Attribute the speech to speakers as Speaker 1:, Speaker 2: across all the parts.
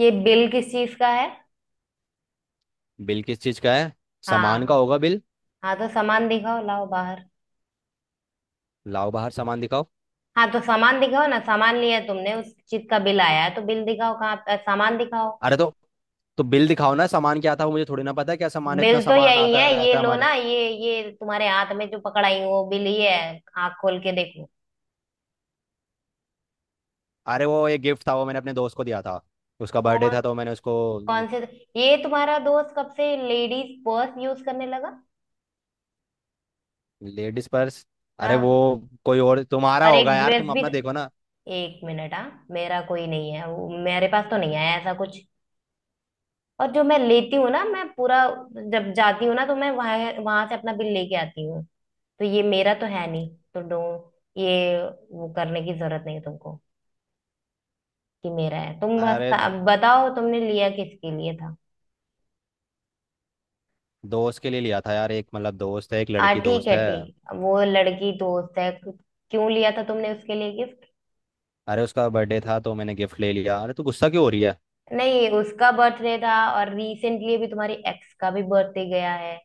Speaker 1: ये बिल किस चीज का है।
Speaker 2: बिल किस चीज का है? सामान का
Speaker 1: हाँ।
Speaker 2: होगा बिल।
Speaker 1: हाँ, तो सामान दिखाओ, लाओ बाहर।
Speaker 2: लाओ बाहर, सामान दिखाओ।
Speaker 1: हाँ, तो सामान दिखाओ ना। सामान लिया तुमने, उस चीज का बिल आया है, तो बिल दिखाओ कहाँ। सामान दिखाओ।
Speaker 2: अरे तो बिल दिखाओ ना, सामान क्या था वो मुझे थोड़ी ना पता है। क्या सामान है?
Speaker 1: बिल
Speaker 2: इतना
Speaker 1: तो
Speaker 2: सामान
Speaker 1: यही है,
Speaker 2: आता
Speaker 1: ये
Speaker 2: रहता है
Speaker 1: लो
Speaker 2: हमारे।
Speaker 1: ना। ये तुम्हारे हाथ में जो पकड़ाई हूँ वो बिल ये है, आँख खोल के देखो।
Speaker 2: अरे वो एक गिफ्ट था, वो मैंने अपने दोस्त को दिया था। उसका बर्थडे
Speaker 1: कौन
Speaker 2: था तो मैंने उसको।
Speaker 1: कौन से ये तुम्हारा दोस्त कब से लेडीज पर्स यूज करने लगा?
Speaker 2: Ladies purse? अरे वो
Speaker 1: हाँ।
Speaker 2: कोई और तुम्हारा
Speaker 1: और
Speaker 2: होगा
Speaker 1: एक
Speaker 2: यार,
Speaker 1: ड्रेस
Speaker 2: तुम
Speaker 1: भी।
Speaker 2: अपना देखो ना।
Speaker 1: एक मिनट हाँ, मेरा कोई नहीं है, वो मेरे पास तो नहीं आया ऐसा कुछ। और जो मैं लेती हूँ ना, मैं पूरा, जब जाती हूँ ना, तो मैं वहां वहां से अपना बिल लेके आती हूँ। तो ये मेरा तो है नहीं, तो डो ये, वो करने की जरूरत नहीं तुमको, कि मेरा है। तुम
Speaker 2: अरे
Speaker 1: बस अब बताओ तुमने लिया किसके लिए था।
Speaker 2: दोस्त के लिए लिया था यार, एक मतलब दोस्त है, एक
Speaker 1: आ,
Speaker 2: लड़की
Speaker 1: ठीक
Speaker 2: दोस्त
Speaker 1: है,
Speaker 2: है।
Speaker 1: ठीक। वो लड़की दोस्त है? क्यों लिया था तुमने उसके लिए गिफ्ट?
Speaker 2: अरे उसका बर्थडे था तो मैंने गिफ्ट ले लिया। अरे तू गुस्सा क्यों हो रही है?
Speaker 1: नहीं, उसका बर्थडे था और रिसेंटली अभी तुम्हारी एक्स का भी बर्थडे गया है।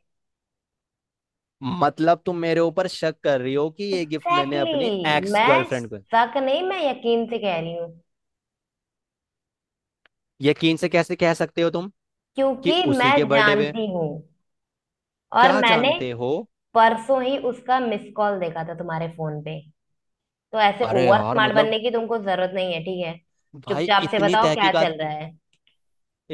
Speaker 2: मतलब तुम मेरे ऊपर शक कर रही हो कि ये गिफ्ट मैंने
Speaker 1: एग्जैक्टली
Speaker 2: अपनी
Speaker 1: exactly.
Speaker 2: एक्स
Speaker 1: मैं
Speaker 2: गर्लफ्रेंड को।
Speaker 1: शक नहीं, मैं यकीन से कह रही हूँ,
Speaker 2: यकीन से कैसे कह सकते हो तुम कि
Speaker 1: क्योंकि मैं
Speaker 2: उसी के बर्थडे पे?
Speaker 1: जानती हूँ। और
Speaker 2: क्या
Speaker 1: मैंने
Speaker 2: जानते हो?
Speaker 1: परसों ही उसका मिस कॉल देखा था तुम्हारे फोन पे। तो ऐसे
Speaker 2: अरे
Speaker 1: ओवर
Speaker 2: यार
Speaker 1: स्मार्ट
Speaker 2: मतलब,
Speaker 1: बनने की तुमको जरूरत नहीं है, ठीक है?
Speaker 2: भाई
Speaker 1: चुपचाप से
Speaker 2: इतनी
Speaker 1: बताओ क्या
Speaker 2: तहकीकात।
Speaker 1: चल रहा है।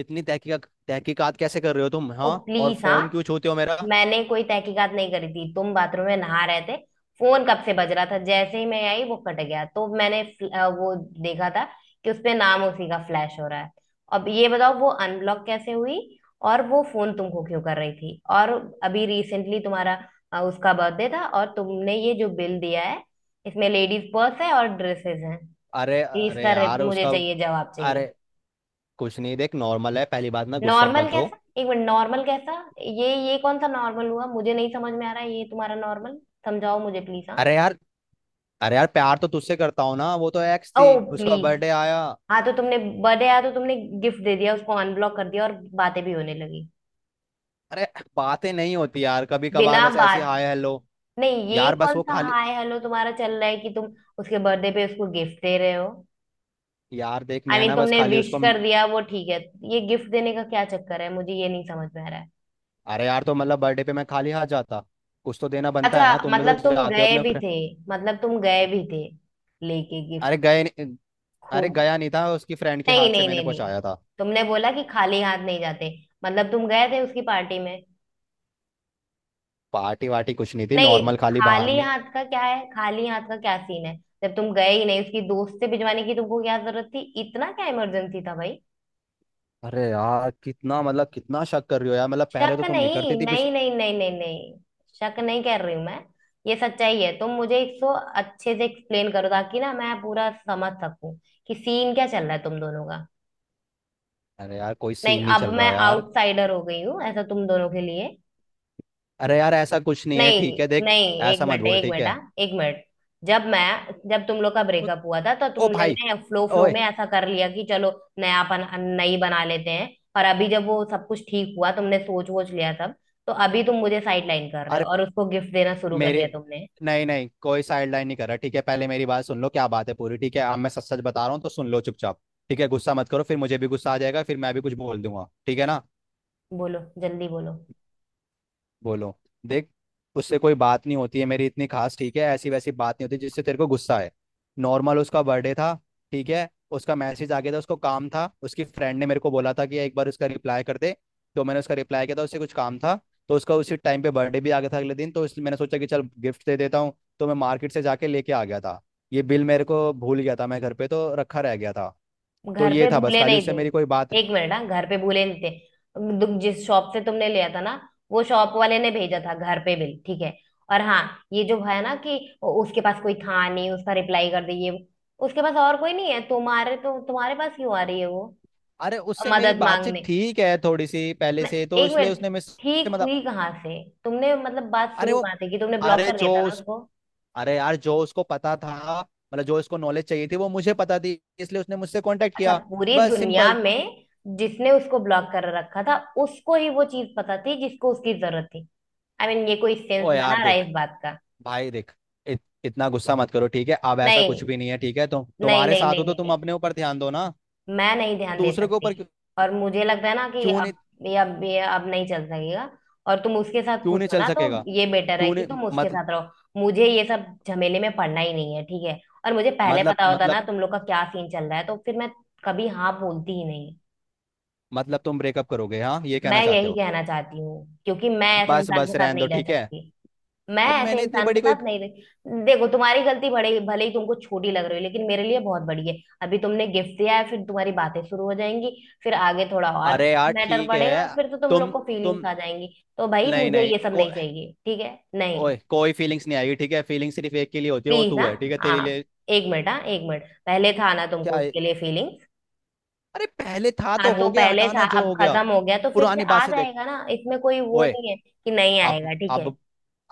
Speaker 2: इतनी तहकीकात तहकीकात कैसे कर रहे हो तुम,
Speaker 1: ओ
Speaker 2: हाँ? और
Speaker 1: प्लीज हाँ।
Speaker 2: फोन क्यों छूते हो मेरा?
Speaker 1: मैंने कोई तहकीकात नहीं करी थी, तुम बाथरूम में नहा रहे थे, फोन कब से बज रहा था, जैसे ही मैं आई वो कट गया, तो मैंने वो देखा था कि उसपे नाम उसी का फ्लैश हो रहा है। अब ये बताओ वो अनब्लॉक कैसे हुई, और वो फोन तुमको क्यों कर रही थी, और अभी रिसेंटली तुम्हारा, उसका बर्थडे था, और तुमने ये जो बिल दिया है इसमें लेडीज पर्स है और ड्रेसेस हैं।
Speaker 2: अरे अरे
Speaker 1: इसका
Speaker 2: यार
Speaker 1: मुझे
Speaker 2: उसका।
Speaker 1: चाहिए, जवाब
Speaker 2: अरे
Speaker 1: चाहिए।
Speaker 2: कुछ नहीं, देख नॉर्मल है। पहली बात, ना गुस्सा
Speaker 1: नॉर्मल
Speaker 2: मत हो।
Speaker 1: कैसा? एक मिनट, नॉर्मल कैसा? ये कौन सा नॉर्मल हुआ, मुझे नहीं समझ में आ रहा है ये तुम्हारा नॉर्मल। समझाओ मुझे प्लीज हाँ।
Speaker 2: अरे यार, अरे यार प्यार तो तुझसे करता हूँ ना, वो तो एक्स
Speaker 1: ओ
Speaker 2: थी, उसका
Speaker 1: प्लीज।
Speaker 2: बर्थडे आया।
Speaker 1: हाँ, तो तुमने, बर्थडे आया तो तुमने गिफ्ट दे दिया, उसको अनब्लॉक कर दिया, और बातें भी होने लगी,
Speaker 2: अरे बातें नहीं होती यार, कभी कभार
Speaker 1: बिना
Speaker 2: बस ऐसी
Speaker 1: बात।
Speaker 2: Hi hello.
Speaker 1: नहीं, ये
Speaker 2: यार बस
Speaker 1: कौन
Speaker 2: वो
Speaker 1: सा
Speaker 2: खाली।
Speaker 1: हाय हेलो तुम्हारा चल रहा है कि तुम उसके बर्थडे पे उसको गिफ्ट दे रहे हो?
Speaker 2: यार देख,
Speaker 1: आई I
Speaker 2: मैं
Speaker 1: मीन mean,
Speaker 2: ना बस
Speaker 1: तुमने
Speaker 2: खाली
Speaker 1: विश
Speaker 2: उसको।
Speaker 1: कर दिया वो ठीक है, ये गिफ्ट देने का क्या चक्कर है, मुझे ये नहीं समझ में आ रहा है।
Speaker 2: अरे यार तो मतलब बर्थडे पे मैं खाली हाथ जाता? कुछ तो देना बनता है
Speaker 1: अच्छा,
Speaker 2: ना, तुम भी तो
Speaker 1: मतलब तुम
Speaker 2: जाते हो
Speaker 1: गए
Speaker 2: अपने
Speaker 1: भी
Speaker 2: फ्रेंड।
Speaker 1: थे? मतलब तुम गए भी थे लेके गिफ्ट,
Speaker 2: अरे गए नहीं- अरे
Speaker 1: खुद?
Speaker 2: गया नहीं था, उसकी फ्रेंड के
Speaker 1: नहीं
Speaker 2: हाथ से
Speaker 1: नहीं
Speaker 2: मैंने
Speaker 1: नहीं नहीं,
Speaker 2: पहुंचाया था।
Speaker 1: तुमने बोला कि खाली हाथ नहीं जाते, मतलब तुम गए थे उसकी पार्टी में।
Speaker 2: पार्टी वार्टी कुछ नहीं थी,
Speaker 1: नहीं,
Speaker 2: नॉर्मल खाली बाहर
Speaker 1: खाली
Speaker 2: में।
Speaker 1: हाथ का क्या है, खाली हाथ का क्या सीन है? जब तुम गए ही नहीं, उसकी दोस्त से भिजवाने की तुमको क्या जरूरत थी, इतना क्या इमरजेंसी था भाई?
Speaker 2: अरे यार कितना मतलब कितना शक कर रही हो यार, मतलब पहले
Speaker 1: शक
Speaker 2: तो तुम नहीं
Speaker 1: नहीं
Speaker 2: करती थी
Speaker 1: नहीं नहीं नहीं नहीं नहीं, शक नहीं कर रही हूं मैं, ये सच्चाई है। तुम मुझे इसको अच्छे से एक्सप्लेन करो, ताकि ना मैं पूरा समझ सकूं कि सीन क्या चल रहा है तुम दोनों का।
Speaker 2: अरे यार कोई
Speaker 1: नहीं,
Speaker 2: सीन नहीं
Speaker 1: अब
Speaker 2: चल
Speaker 1: मैं
Speaker 2: रहा यार।
Speaker 1: आउटसाइडर हो गई हूँ ऐसा तुम दोनों के लिए।
Speaker 2: अरे यार ऐसा कुछ नहीं है ठीक है,
Speaker 1: नहीं
Speaker 2: देख।
Speaker 1: नहीं, एक
Speaker 2: ऐसा मत
Speaker 1: मिनट,
Speaker 2: बोल
Speaker 1: एक
Speaker 2: ठीक
Speaker 1: मिनट
Speaker 2: है।
Speaker 1: हाँ, एक मिनट। जब मैं, जब तुम लोग का ब्रेकअप हुआ था तो तुम
Speaker 2: ओ
Speaker 1: लोग
Speaker 2: भाई!
Speaker 1: ने फ्लो फ्लो
Speaker 2: ओए!
Speaker 1: में ऐसा कर लिया कि चलो नयापन, नई बना लेते हैं, और अभी जब वो सब कुछ ठीक हुआ तुमने सोच वोच लिया सब, तो अभी तुम मुझे साइड लाइन कर रहे हो
Speaker 2: अरे
Speaker 1: और उसको गिफ्ट देना शुरू कर
Speaker 2: मेरे
Speaker 1: दिया तुमने।
Speaker 2: नहीं नहीं, कोई साइड लाइन नहीं कर रहा ठीक है। पहले मेरी बात सुन लो क्या बात है पूरी, ठीक है? अब मैं सच सच बता रहा हूँ तो सुन लो चुपचाप। ठीक है गुस्सा मत करो, फिर मुझे भी गुस्सा आ जाएगा, फिर मैं भी कुछ बोल दूंगा ठीक है ना।
Speaker 1: बोलो, जल्दी बोलो।
Speaker 2: बोलो, देख। उससे कोई बात नहीं होती है मेरी इतनी खास, ठीक है? ऐसी वैसी बात नहीं होती जिससे तेरे को गुस्सा है। नॉर्मल उसका बर्थडे था ठीक है। उसका मैसेज आ गया था, उसको काम था, उसकी फ्रेंड ने मेरे को बोला था कि एक बार उसका रिप्लाई कर दे। तो मैंने उसका रिप्लाई किया था, उससे कुछ काम था। तो उसका उसी टाइम पे बर्थडे भी आ गया था अगले दिन, तो इसलिए मैंने सोचा कि चल गिफ्ट दे देता हूँ। तो मैं मार्केट से जाके लेके आ गया था। ये बिल मेरे को भूल गया था, मैं घर पे तो रखा रह गया था। तो
Speaker 1: घर
Speaker 2: ये
Speaker 1: पे
Speaker 2: था बस
Speaker 1: भूले
Speaker 2: खाली,
Speaker 1: नहीं
Speaker 2: उससे मेरी कोई बात।
Speaker 1: थे, एक मिनट हाँ, घर पे भूले नहीं थे। जिस शॉप से तुमने लिया था ना, वो शॉप वाले ने भेजा था घर पे बिल, ठीक है। और हाँ, ये जो है ना कि उसके पास कोई था नहीं उसका रिप्लाई कर दिए, उसके पास और कोई नहीं है तुम्हारे, तो तुम्हारे पास क्यों आ रही है वो
Speaker 2: अरे उससे मेरी
Speaker 1: मदद
Speaker 2: बातचीत
Speaker 1: मांगने?
Speaker 2: ठीक है थोड़ी सी पहले
Speaker 1: मैं-
Speaker 2: से, तो
Speaker 1: एक
Speaker 2: इसलिए
Speaker 1: मिनट,
Speaker 2: उसने मिस।
Speaker 1: ठीक
Speaker 2: मतलब,
Speaker 1: हुई कहाँ से? तुमने मतलब बात
Speaker 2: अरे
Speaker 1: शुरू
Speaker 2: वो,
Speaker 1: कहाँ से? कि तुमने ब्लॉक
Speaker 2: अरे
Speaker 1: कर
Speaker 2: जो
Speaker 1: दिया था ना
Speaker 2: उस
Speaker 1: उसको।
Speaker 2: अरे यार जो उसको पता था, मतलब जो उसको नॉलेज चाहिए थी वो मुझे पता थी, इसलिए उसने मुझसे कांटेक्ट
Speaker 1: अच्छा,
Speaker 2: किया।
Speaker 1: पूरी
Speaker 2: बस
Speaker 1: दुनिया
Speaker 2: सिंपल।
Speaker 1: में जिसने उसको ब्लॉक कर रखा था उसको ही वो चीज पता थी जिसको उसकी जरूरत थी? आई I मीन mean, ये कोई सेंस
Speaker 2: ओ
Speaker 1: बना
Speaker 2: यार
Speaker 1: रहा है
Speaker 2: देख,
Speaker 1: इस बात का?
Speaker 2: भाई देख, इतना गुस्सा मत करो ठीक है। अब ऐसा कुछ
Speaker 1: नहीं
Speaker 2: भी नहीं है ठीक है, तो
Speaker 1: नहीं
Speaker 2: तुम्हारे
Speaker 1: नहीं
Speaker 2: साथ
Speaker 1: नहीं
Speaker 2: हो तो
Speaker 1: नहीं
Speaker 2: तुम
Speaker 1: नहीं,
Speaker 2: अपने ऊपर ध्यान दो ना।
Speaker 1: मैं नहीं ध्यान दे
Speaker 2: दूसरे के
Speaker 1: सकती।
Speaker 2: ऊपर क्यों?
Speaker 1: और मुझे लगता है ना कि
Speaker 2: क्यों
Speaker 1: अब
Speaker 2: नहीं?
Speaker 1: ये, अब ये अब नहीं चल सकेगा, और तुम उसके साथ
Speaker 2: क्यों
Speaker 1: खुश
Speaker 2: नहीं
Speaker 1: हो
Speaker 2: चल
Speaker 1: ना, तो
Speaker 2: सकेगा?
Speaker 1: ये बेटर है
Speaker 2: क्यों
Speaker 1: कि
Speaker 2: नहीं?
Speaker 1: तुम उसके
Speaker 2: मत,
Speaker 1: साथ रहो, मुझे ये सब झमेले में पड़ना ही नहीं है ठीक है। और मुझे पहले
Speaker 2: मतलब,
Speaker 1: पता होता ना
Speaker 2: मतलब,
Speaker 1: तुम लोग का क्या सीन चल रहा है तो फिर मैं कभी हाँ बोलती ही नहीं।
Speaker 2: मतलब तुम ब्रेकअप करोगे? हाँ ये कहना
Speaker 1: मैं
Speaker 2: चाहते
Speaker 1: यही
Speaker 2: हो?
Speaker 1: कहना चाहती हूँ, क्योंकि मैं ऐसे
Speaker 2: बस
Speaker 1: इंसान के
Speaker 2: बस
Speaker 1: साथ
Speaker 2: रहने दो
Speaker 1: नहीं रह
Speaker 2: ठीक है।
Speaker 1: सकती। मैं
Speaker 2: ओ,
Speaker 1: ऐसे
Speaker 2: मैंने इतनी
Speaker 1: इंसान के
Speaker 2: बड़ी कोई।
Speaker 1: साथ नहीं रह, देखो तुम्हारी गलती भले भले ही तुमको छोटी लग रही हो, लेकिन मेरे लिए बहुत बड़ी है। अभी तुमने गिफ्ट दिया है, फिर तुम्हारी बातें शुरू हो जाएंगी, फिर आगे थोड़ा और
Speaker 2: अरे यार
Speaker 1: मैटर
Speaker 2: ठीक
Speaker 1: बढ़ेगा,
Speaker 2: है।
Speaker 1: फिर तो तुम
Speaker 2: तुम,
Speaker 1: लोग को फीलिंग्स
Speaker 2: तुम।
Speaker 1: आ जाएंगी। तो भाई
Speaker 2: नहीं
Speaker 1: मुझे
Speaker 2: नहीं
Speaker 1: ये सब
Speaker 2: को
Speaker 1: नहीं चाहिए, ठीक है? नहीं,
Speaker 2: ओए कोई फीलिंग्स नहीं आएगी ठीक है। फीलिंग सिर्फ एक के लिए होती है, वो
Speaker 1: प्लीज
Speaker 2: तू
Speaker 1: हाँ।
Speaker 2: है ठीक है, तेरे
Speaker 1: हाँ,
Speaker 2: लिए।
Speaker 1: एक मिनट हाँ, एक मिनट, पहले था ना
Speaker 2: क्या
Speaker 1: तुमको
Speaker 2: है?
Speaker 1: उसके लिए फीलिंग्स।
Speaker 2: अरे पहले था
Speaker 1: हाँ
Speaker 2: तो
Speaker 1: तो
Speaker 2: हो गया,
Speaker 1: पहले था,
Speaker 2: हटाना जो
Speaker 1: अब
Speaker 2: हो गया।
Speaker 1: खत्म हो गया, तो फिर से
Speaker 2: पुरानी बात
Speaker 1: आ
Speaker 2: से देख।
Speaker 1: जाएगा ना, इसमें कोई वो
Speaker 2: ओए,
Speaker 1: नहीं है कि नहीं
Speaker 2: अब
Speaker 1: आएगा, ठीक है।
Speaker 2: अब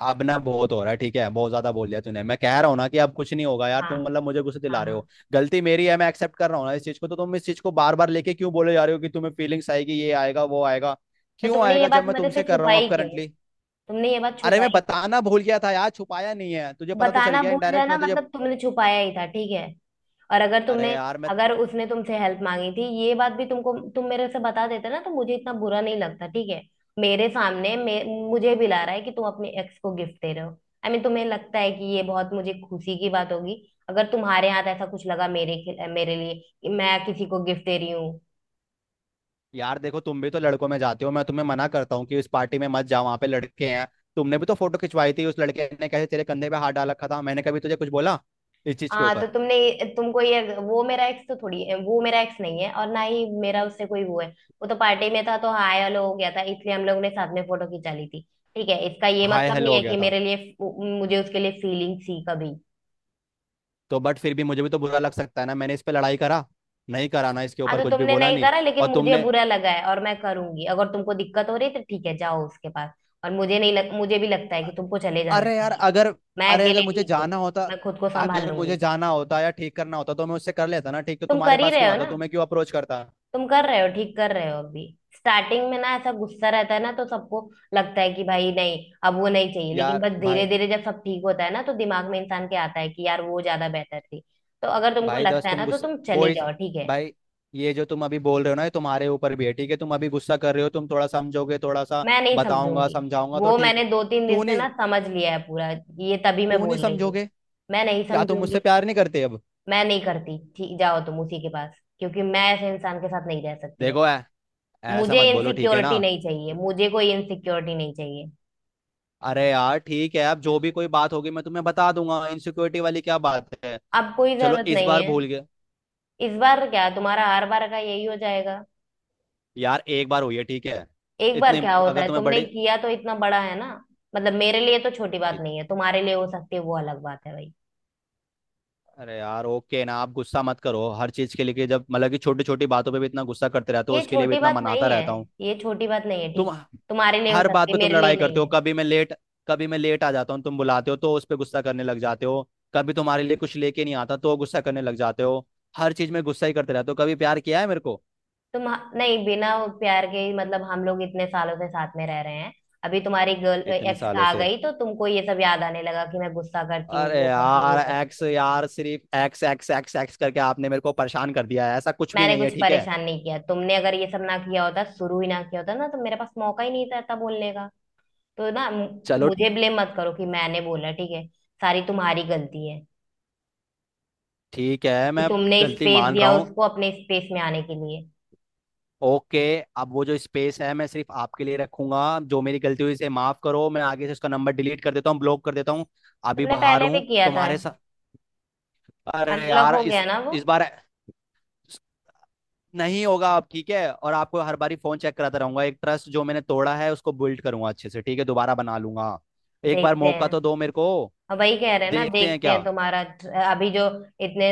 Speaker 2: अब ना बहुत हो रहा है ठीक है। बहुत ज्यादा बोल दिया तूने, मैं कह रहा हूँ ना कि अब कुछ नहीं होगा यार,
Speaker 1: हाँ,
Speaker 2: तुम मतलब मुझे गुस्से
Speaker 1: हाँ।
Speaker 2: दिला रहे
Speaker 1: हाँ,
Speaker 2: हो। गलती मेरी है मैं एक्सेप्ट कर रहा हूँ ना इस चीज को, तो तुम इस चीज को बार बार लेके क्यों बोले जा रहे हो कि तुम्हें फीलिंग्स आएगी, ये आएगा वो आएगा?
Speaker 1: तो
Speaker 2: क्यों
Speaker 1: तुमने ये
Speaker 2: आएगा, जब
Speaker 1: बात
Speaker 2: मैं
Speaker 1: मेरे से
Speaker 2: तुमसे कर रहा हूँ अब
Speaker 1: छुपाई क्यों?
Speaker 2: करंटली।
Speaker 1: तुमने ये बात
Speaker 2: अरे मैं
Speaker 1: छुपाई क्यों?
Speaker 2: बताना भूल गया था यार, छुपाया नहीं है, तुझे पता तो चल
Speaker 1: बताना
Speaker 2: गया
Speaker 1: भूल
Speaker 2: इनडायरेक्ट,
Speaker 1: जाना,
Speaker 2: मैं तुझे।
Speaker 1: मतलब तुमने छुपाया ही था, ठीक है। और अगर
Speaker 2: अरे
Speaker 1: तुमने,
Speaker 2: यार मैं।
Speaker 1: अगर उसने तुमसे हेल्प मांगी थी ये बात भी तुमको, तुम मेरे से बता देते ना, तो मुझे इतना बुरा नहीं लगता, ठीक है। मेरे मुझे भी ला रहा है कि तुम अपने एक्स को गिफ्ट दे रहे हो, आई मीन तुम्हें लगता है कि ये बहुत मुझे खुशी की बात होगी, अगर तुम्हारे हाथ ऐसा कुछ लगा मेरे मेरे लिए, कि मैं किसी को गिफ्ट दे रही हूँ?
Speaker 2: यार देखो तुम भी तो लड़कों में जाते हो, मैं तुम्हें मना करता हूँ कि इस पार्टी में मत जाओ, वहां पे लड़के हैं। तुमने भी तो फोटो खिंचवाई थी, उस लड़के ने कैसे तेरे कंधे पे हाथ डाल रखा था, मैंने कभी तुझे कुछ बोला इस चीज के
Speaker 1: हाँ, तो
Speaker 2: ऊपर?
Speaker 1: तुमने, तुमको ये, वो मेरा एक्स तो थोड़ी है, वो मेरा एक्स नहीं है और ना ही मेरा उससे कोई वो है, वो तो पार्टी में था तो हाय हेलो हो गया था, इसलिए हम लोगों ने साथ में फोटो खिंचा ली थी। ठीक है, इसका ये
Speaker 2: हाय
Speaker 1: मतलब नहीं
Speaker 2: हेलो हो
Speaker 1: है
Speaker 2: गया
Speaker 1: कि
Speaker 2: था
Speaker 1: मेरे लिए, मुझे उसके लिए फीलिंग थी कभी।
Speaker 2: तो? बट फिर भी मुझे भी तो बुरा लग सकता है ना, मैंने इस पे लड़ाई करा नहीं करा ना, इसके
Speaker 1: हाँ,
Speaker 2: ऊपर
Speaker 1: तो
Speaker 2: कुछ भी
Speaker 1: तुमने
Speaker 2: बोला
Speaker 1: नहीं
Speaker 2: नहीं।
Speaker 1: करा, लेकिन
Speaker 2: और
Speaker 1: मुझे
Speaker 2: तुमने,
Speaker 1: बुरा लगा है और मैं करूंगी। अगर तुमको दिक्कत हो रही है, तो ठीक है जाओ उसके पास। और मुझे नहीं मुझे भी लगता है कि तुमको चले जाना
Speaker 2: अरे यार
Speaker 1: चाहिए।
Speaker 2: अगर,
Speaker 1: मैं
Speaker 2: अरे अगर
Speaker 1: अकेले
Speaker 2: मुझे
Speaker 1: ठीक हूँ,
Speaker 2: जाना होता,
Speaker 1: मैं खुद को संभाल
Speaker 2: अगर
Speaker 1: लूंगी।
Speaker 2: मुझे जाना होता या ठीक करना होता तो मैं उससे कर लेता ना ठीक, तो
Speaker 1: तुम
Speaker 2: तुम्हारे
Speaker 1: कर ही
Speaker 2: पास
Speaker 1: रहे
Speaker 2: क्यों
Speaker 1: हो
Speaker 2: आता,
Speaker 1: ना,
Speaker 2: तुम्हें क्यों अप्रोच करता?
Speaker 1: तुम कर रहे हो, ठीक कर रहे हो अभी। स्टार्टिंग में ना ऐसा गुस्सा रहता है ना, तो सबको लगता है कि भाई नहीं अब वो नहीं चाहिए, लेकिन
Speaker 2: यार
Speaker 1: बस धीरे
Speaker 2: भाई,
Speaker 1: धीरे जब सब ठीक होता है ना, तो दिमाग में इंसान के आता है कि यार वो ज्यादा बेहतर थी। तो अगर तुमको
Speaker 2: भाई दस
Speaker 1: लगता है
Speaker 2: तुम
Speaker 1: ना तो
Speaker 2: गुस्सा,
Speaker 1: तुम
Speaker 2: वो
Speaker 1: चली
Speaker 2: ही,
Speaker 1: जाओ, ठीक है।
Speaker 2: भाई ये जो तुम अभी बोल रहे हो ना ये तुम्हारे ऊपर भी है ठीक है, तुम अभी गुस्सा कर रहे हो, तुम थोड़ा समझोगे थोड़ा सा
Speaker 1: मैं नहीं
Speaker 2: बताऊंगा
Speaker 1: समझूंगी,
Speaker 2: समझाऊंगा तो
Speaker 1: वो
Speaker 2: ठीक,
Speaker 1: मैंने 2-3 दिन
Speaker 2: क्यों
Speaker 1: से
Speaker 2: नहीं?
Speaker 1: ना समझ लिया है पूरा, ये तभी मैं
Speaker 2: क्यों नहीं
Speaker 1: बोल रही हूँ।
Speaker 2: समझोगे?
Speaker 1: मैं नहीं
Speaker 2: क्या तुम मुझसे
Speaker 1: समझूंगी।
Speaker 2: प्यार नहीं करते अब?
Speaker 1: मैं नहीं करती, ठीक जाओ तुम उसी के पास, क्योंकि मैं ऐसे इंसान के साथ नहीं रह सकती भाई।
Speaker 2: देखो, ऐसा
Speaker 1: मुझे
Speaker 2: मत बोलो ठीक है ना।
Speaker 1: इनसिक्योरिटी नहीं चाहिए, मुझे कोई इनसिक्योरिटी नहीं चाहिए,
Speaker 2: अरे यार ठीक है, अब जो भी कोई बात होगी मैं तुम्हें बता दूंगा, इनसिक्योरिटी वाली क्या बात है।
Speaker 1: अब कोई
Speaker 2: चलो
Speaker 1: जरूरत
Speaker 2: इस
Speaker 1: नहीं
Speaker 2: बार
Speaker 1: है।
Speaker 2: भूल गए।
Speaker 1: इस बार क्या, तुम्हारा हर बार का यही हो जाएगा?
Speaker 2: यार एक बार हुई है ठीक है।
Speaker 1: एक बार
Speaker 2: इतने
Speaker 1: क्या होता
Speaker 2: अगर
Speaker 1: है,
Speaker 2: तुम्हें
Speaker 1: तुमने
Speaker 2: बड़ी,
Speaker 1: किया तो इतना बड़ा है ना। मतलब मेरे लिए तो छोटी बात नहीं है, तुम्हारे लिए हो सकती है, वो अलग बात है भाई।
Speaker 2: अरे यार ओके ना, आप गुस्सा मत करो हर चीज के लिए कि जब मतलब कि छोटी छोटी बातों पे भी इतना गुस्सा करते रहते हो,
Speaker 1: ये
Speaker 2: उसके लिए भी
Speaker 1: छोटी
Speaker 2: इतना
Speaker 1: बात
Speaker 2: मनाता
Speaker 1: नहीं है,
Speaker 2: रहता हूँ।
Speaker 1: ये छोटी बात नहीं है
Speaker 2: तुम
Speaker 1: ठीक है, तुम्हारे लिए हो
Speaker 2: हर
Speaker 1: सकती
Speaker 2: बात
Speaker 1: है,
Speaker 2: पे तुम
Speaker 1: मेरे लिए
Speaker 2: लड़ाई
Speaker 1: नहीं
Speaker 2: करते हो।
Speaker 1: है।
Speaker 2: कभी मैं लेट आ जाता हूँ तुम बुलाते हो, तो उस पे गुस्सा करने लग जाते हो। कभी तुम्हारे लिए कुछ लेके नहीं आता तो गुस्सा करने लग जाते हो। हर चीज में गुस्सा ही करते रहते हो, कभी प्यार किया है मेरे को?
Speaker 1: तुम, नहीं, बिना प्यार के ही, मतलब हम लोग इतने सालों से साथ में रह रहे हैं, अभी तुम्हारी गर्ल
Speaker 2: इतने
Speaker 1: एक्स
Speaker 2: सालों
Speaker 1: आ
Speaker 2: से,
Speaker 1: गई तो तुमको ये सब याद आने लगा कि मैं गुस्सा करती हूँ,
Speaker 2: अरे
Speaker 1: वो करती हूँ, वो
Speaker 2: यार एक्स
Speaker 1: करती हूँ।
Speaker 2: यार, सिर्फ एक्स एक्स एक्स एक्स करके आपने मेरे को परेशान कर दिया है, ऐसा कुछ भी
Speaker 1: मैंने
Speaker 2: नहीं है
Speaker 1: कुछ
Speaker 2: ठीक है।
Speaker 1: परेशान नहीं किया, तुमने अगर ये सब ना किया होता, शुरू ही ना किया होता ना, तो मेरे पास मौका ही नहीं था बोलने का। तो ना
Speaker 2: चलो
Speaker 1: मुझे ब्लेम मत करो कि मैंने बोला, ठीक है? सारी तुम्हारी गलती है
Speaker 2: ठीक है,
Speaker 1: कि
Speaker 2: मैं
Speaker 1: तुमने
Speaker 2: गलती
Speaker 1: स्पेस
Speaker 2: मान रहा
Speaker 1: दिया
Speaker 2: हूँ।
Speaker 1: उसको, अपने स्पेस में आने के लिए।
Speaker 2: ओके, अब वो जो स्पेस है मैं सिर्फ आपके लिए रखूंगा, जो मेरी गलती हुई इसे माफ करो, मैं आगे से उसका नंबर डिलीट कर देता हूँ, ब्लॉक कर देता हूँ। अभी
Speaker 1: तुमने
Speaker 2: बाहर
Speaker 1: पहले भी
Speaker 2: हूँ
Speaker 1: किया था,
Speaker 2: तुम्हारे साथ। अरे
Speaker 1: अनब्लॉक
Speaker 2: यार
Speaker 1: हो गया
Speaker 2: इस
Speaker 1: ना वो।
Speaker 2: इस बार नहीं होगा अब ठीक है, और आपको हर बारी फोन चेक कराता रहूंगा, एक ट्रस्ट जो मैंने तोड़ा है उसको बिल्ड करूंगा अच्छे से ठीक है, दोबारा बना लूंगा। एक बार
Speaker 1: देखते
Speaker 2: मौका तो
Speaker 1: हैं,
Speaker 2: दो मेरे को।
Speaker 1: अब वही कह रहे हैं ना
Speaker 2: देखते हैं
Speaker 1: देखते
Speaker 2: क्या?
Speaker 1: हैं। तुम्हारा अभी जो इतने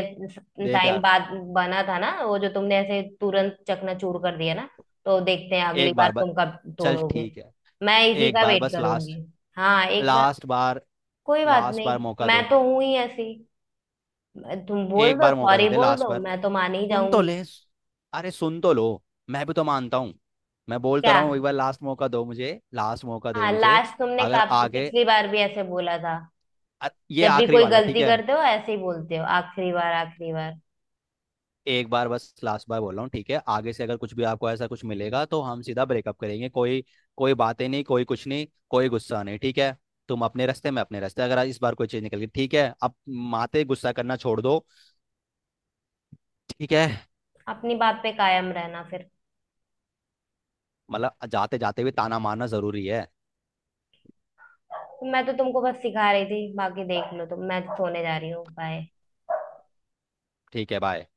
Speaker 2: देख
Speaker 1: टाइम
Speaker 2: यार,
Speaker 1: बाद बना था ना, वो जो तुमने ऐसे तुरंत चकनाचूर कर दिया ना, तो देखते हैं अगली
Speaker 2: एक
Speaker 1: बार
Speaker 2: बार बस,
Speaker 1: तुम कब
Speaker 2: चल
Speaker 1: तोड़ोगे।
Speaker 2: ठीक है,
Speaker 1: मैं इसी
Speaker 2: एक
Speaker 1: का
Speaker 2: बार
Speaker 1: वेट
Speaker 2: बस लास्ट,
Speaker 1: करूंगी। हाँ, एक बार,
Speaker 2: लास्ट बार,
Speaker 1: कोई बात
Speaker 2: लास्ट बार
Speaker 1: नहीं
Speaker 2: मौका
Speaker 1: मैं
Speaker 2: दो,
Speaker 1: तो हूं ही ऐसी। तुम बोल
Speaker 2: एक
Speaker 1: दो
Speaker 2: बार मौका
Speaker 1: सॉरी
Speaker 2: दे दे
Speaker 1: बोल
Speaker 2: लास्ट
Speaker 1: दो,
Speaker 2: बार।
Speaker 1: मैं तो मान ही
Speaker 2: सुन तो
Speaker 1: जाऊंगी।
Speaker 2: ले, अरे सुन तो लो, मैं भी तो मानता हूँ, मैं बोलता
Speaker 1: क्या?
Speaker 2: रहा हूँ एक बार लास्ट मौका दो मुझे, लास्ट मौका दे
Speaker 1: हाँ
Speaker 2: मुझे।
Speaker 1: लास्ट, तुमने का
Speaker 2: अगर आगे,
Speaker 1: पिछली बार भी ऐसे बोला था।
Speaker 2: ये
Speaker 1: जब भी
Speaker 2: आखिरी
Speaker 1: कोई
Speaker 2: वाला ठीक
Speaker 1: गलती
Speaker 2: है।
Speaker 1: करते हो ऐसे ही बोलते हो, आखिरी बार, आखिरी बार।
Speaker 2: एक बार बस लास्ट बार बोल रहा हूँ ठीक है, आगे से अगर कुछ भी आपको ऐसा कुछ मिलेगा तो हम सीधा ब्रेकअप करेंगे, कोई कोई बातें नहीं, कोई कुछ नहीं, कोई गुस्सा नहीं ठीक है। तुम अपने रास्ते मैं अपने रास्ते, अगर इस बार कोई चीज़ निकल गई ठीक है। अब माते गुस्सा करना छोड़ दो ठीक है।
Speaker 1: अपनी बात पे कायम रहना फिर।
Speaker 2: मतलब जाते जाते भी ताना मारना जरूरी है?
Speaker 1: मैं तो तुमको बस सिखा रही थी, बाकी देख लो तुम, मैं तो सोने जा रही हूँ, बाय।
Speaker 2: ठीक है बाय।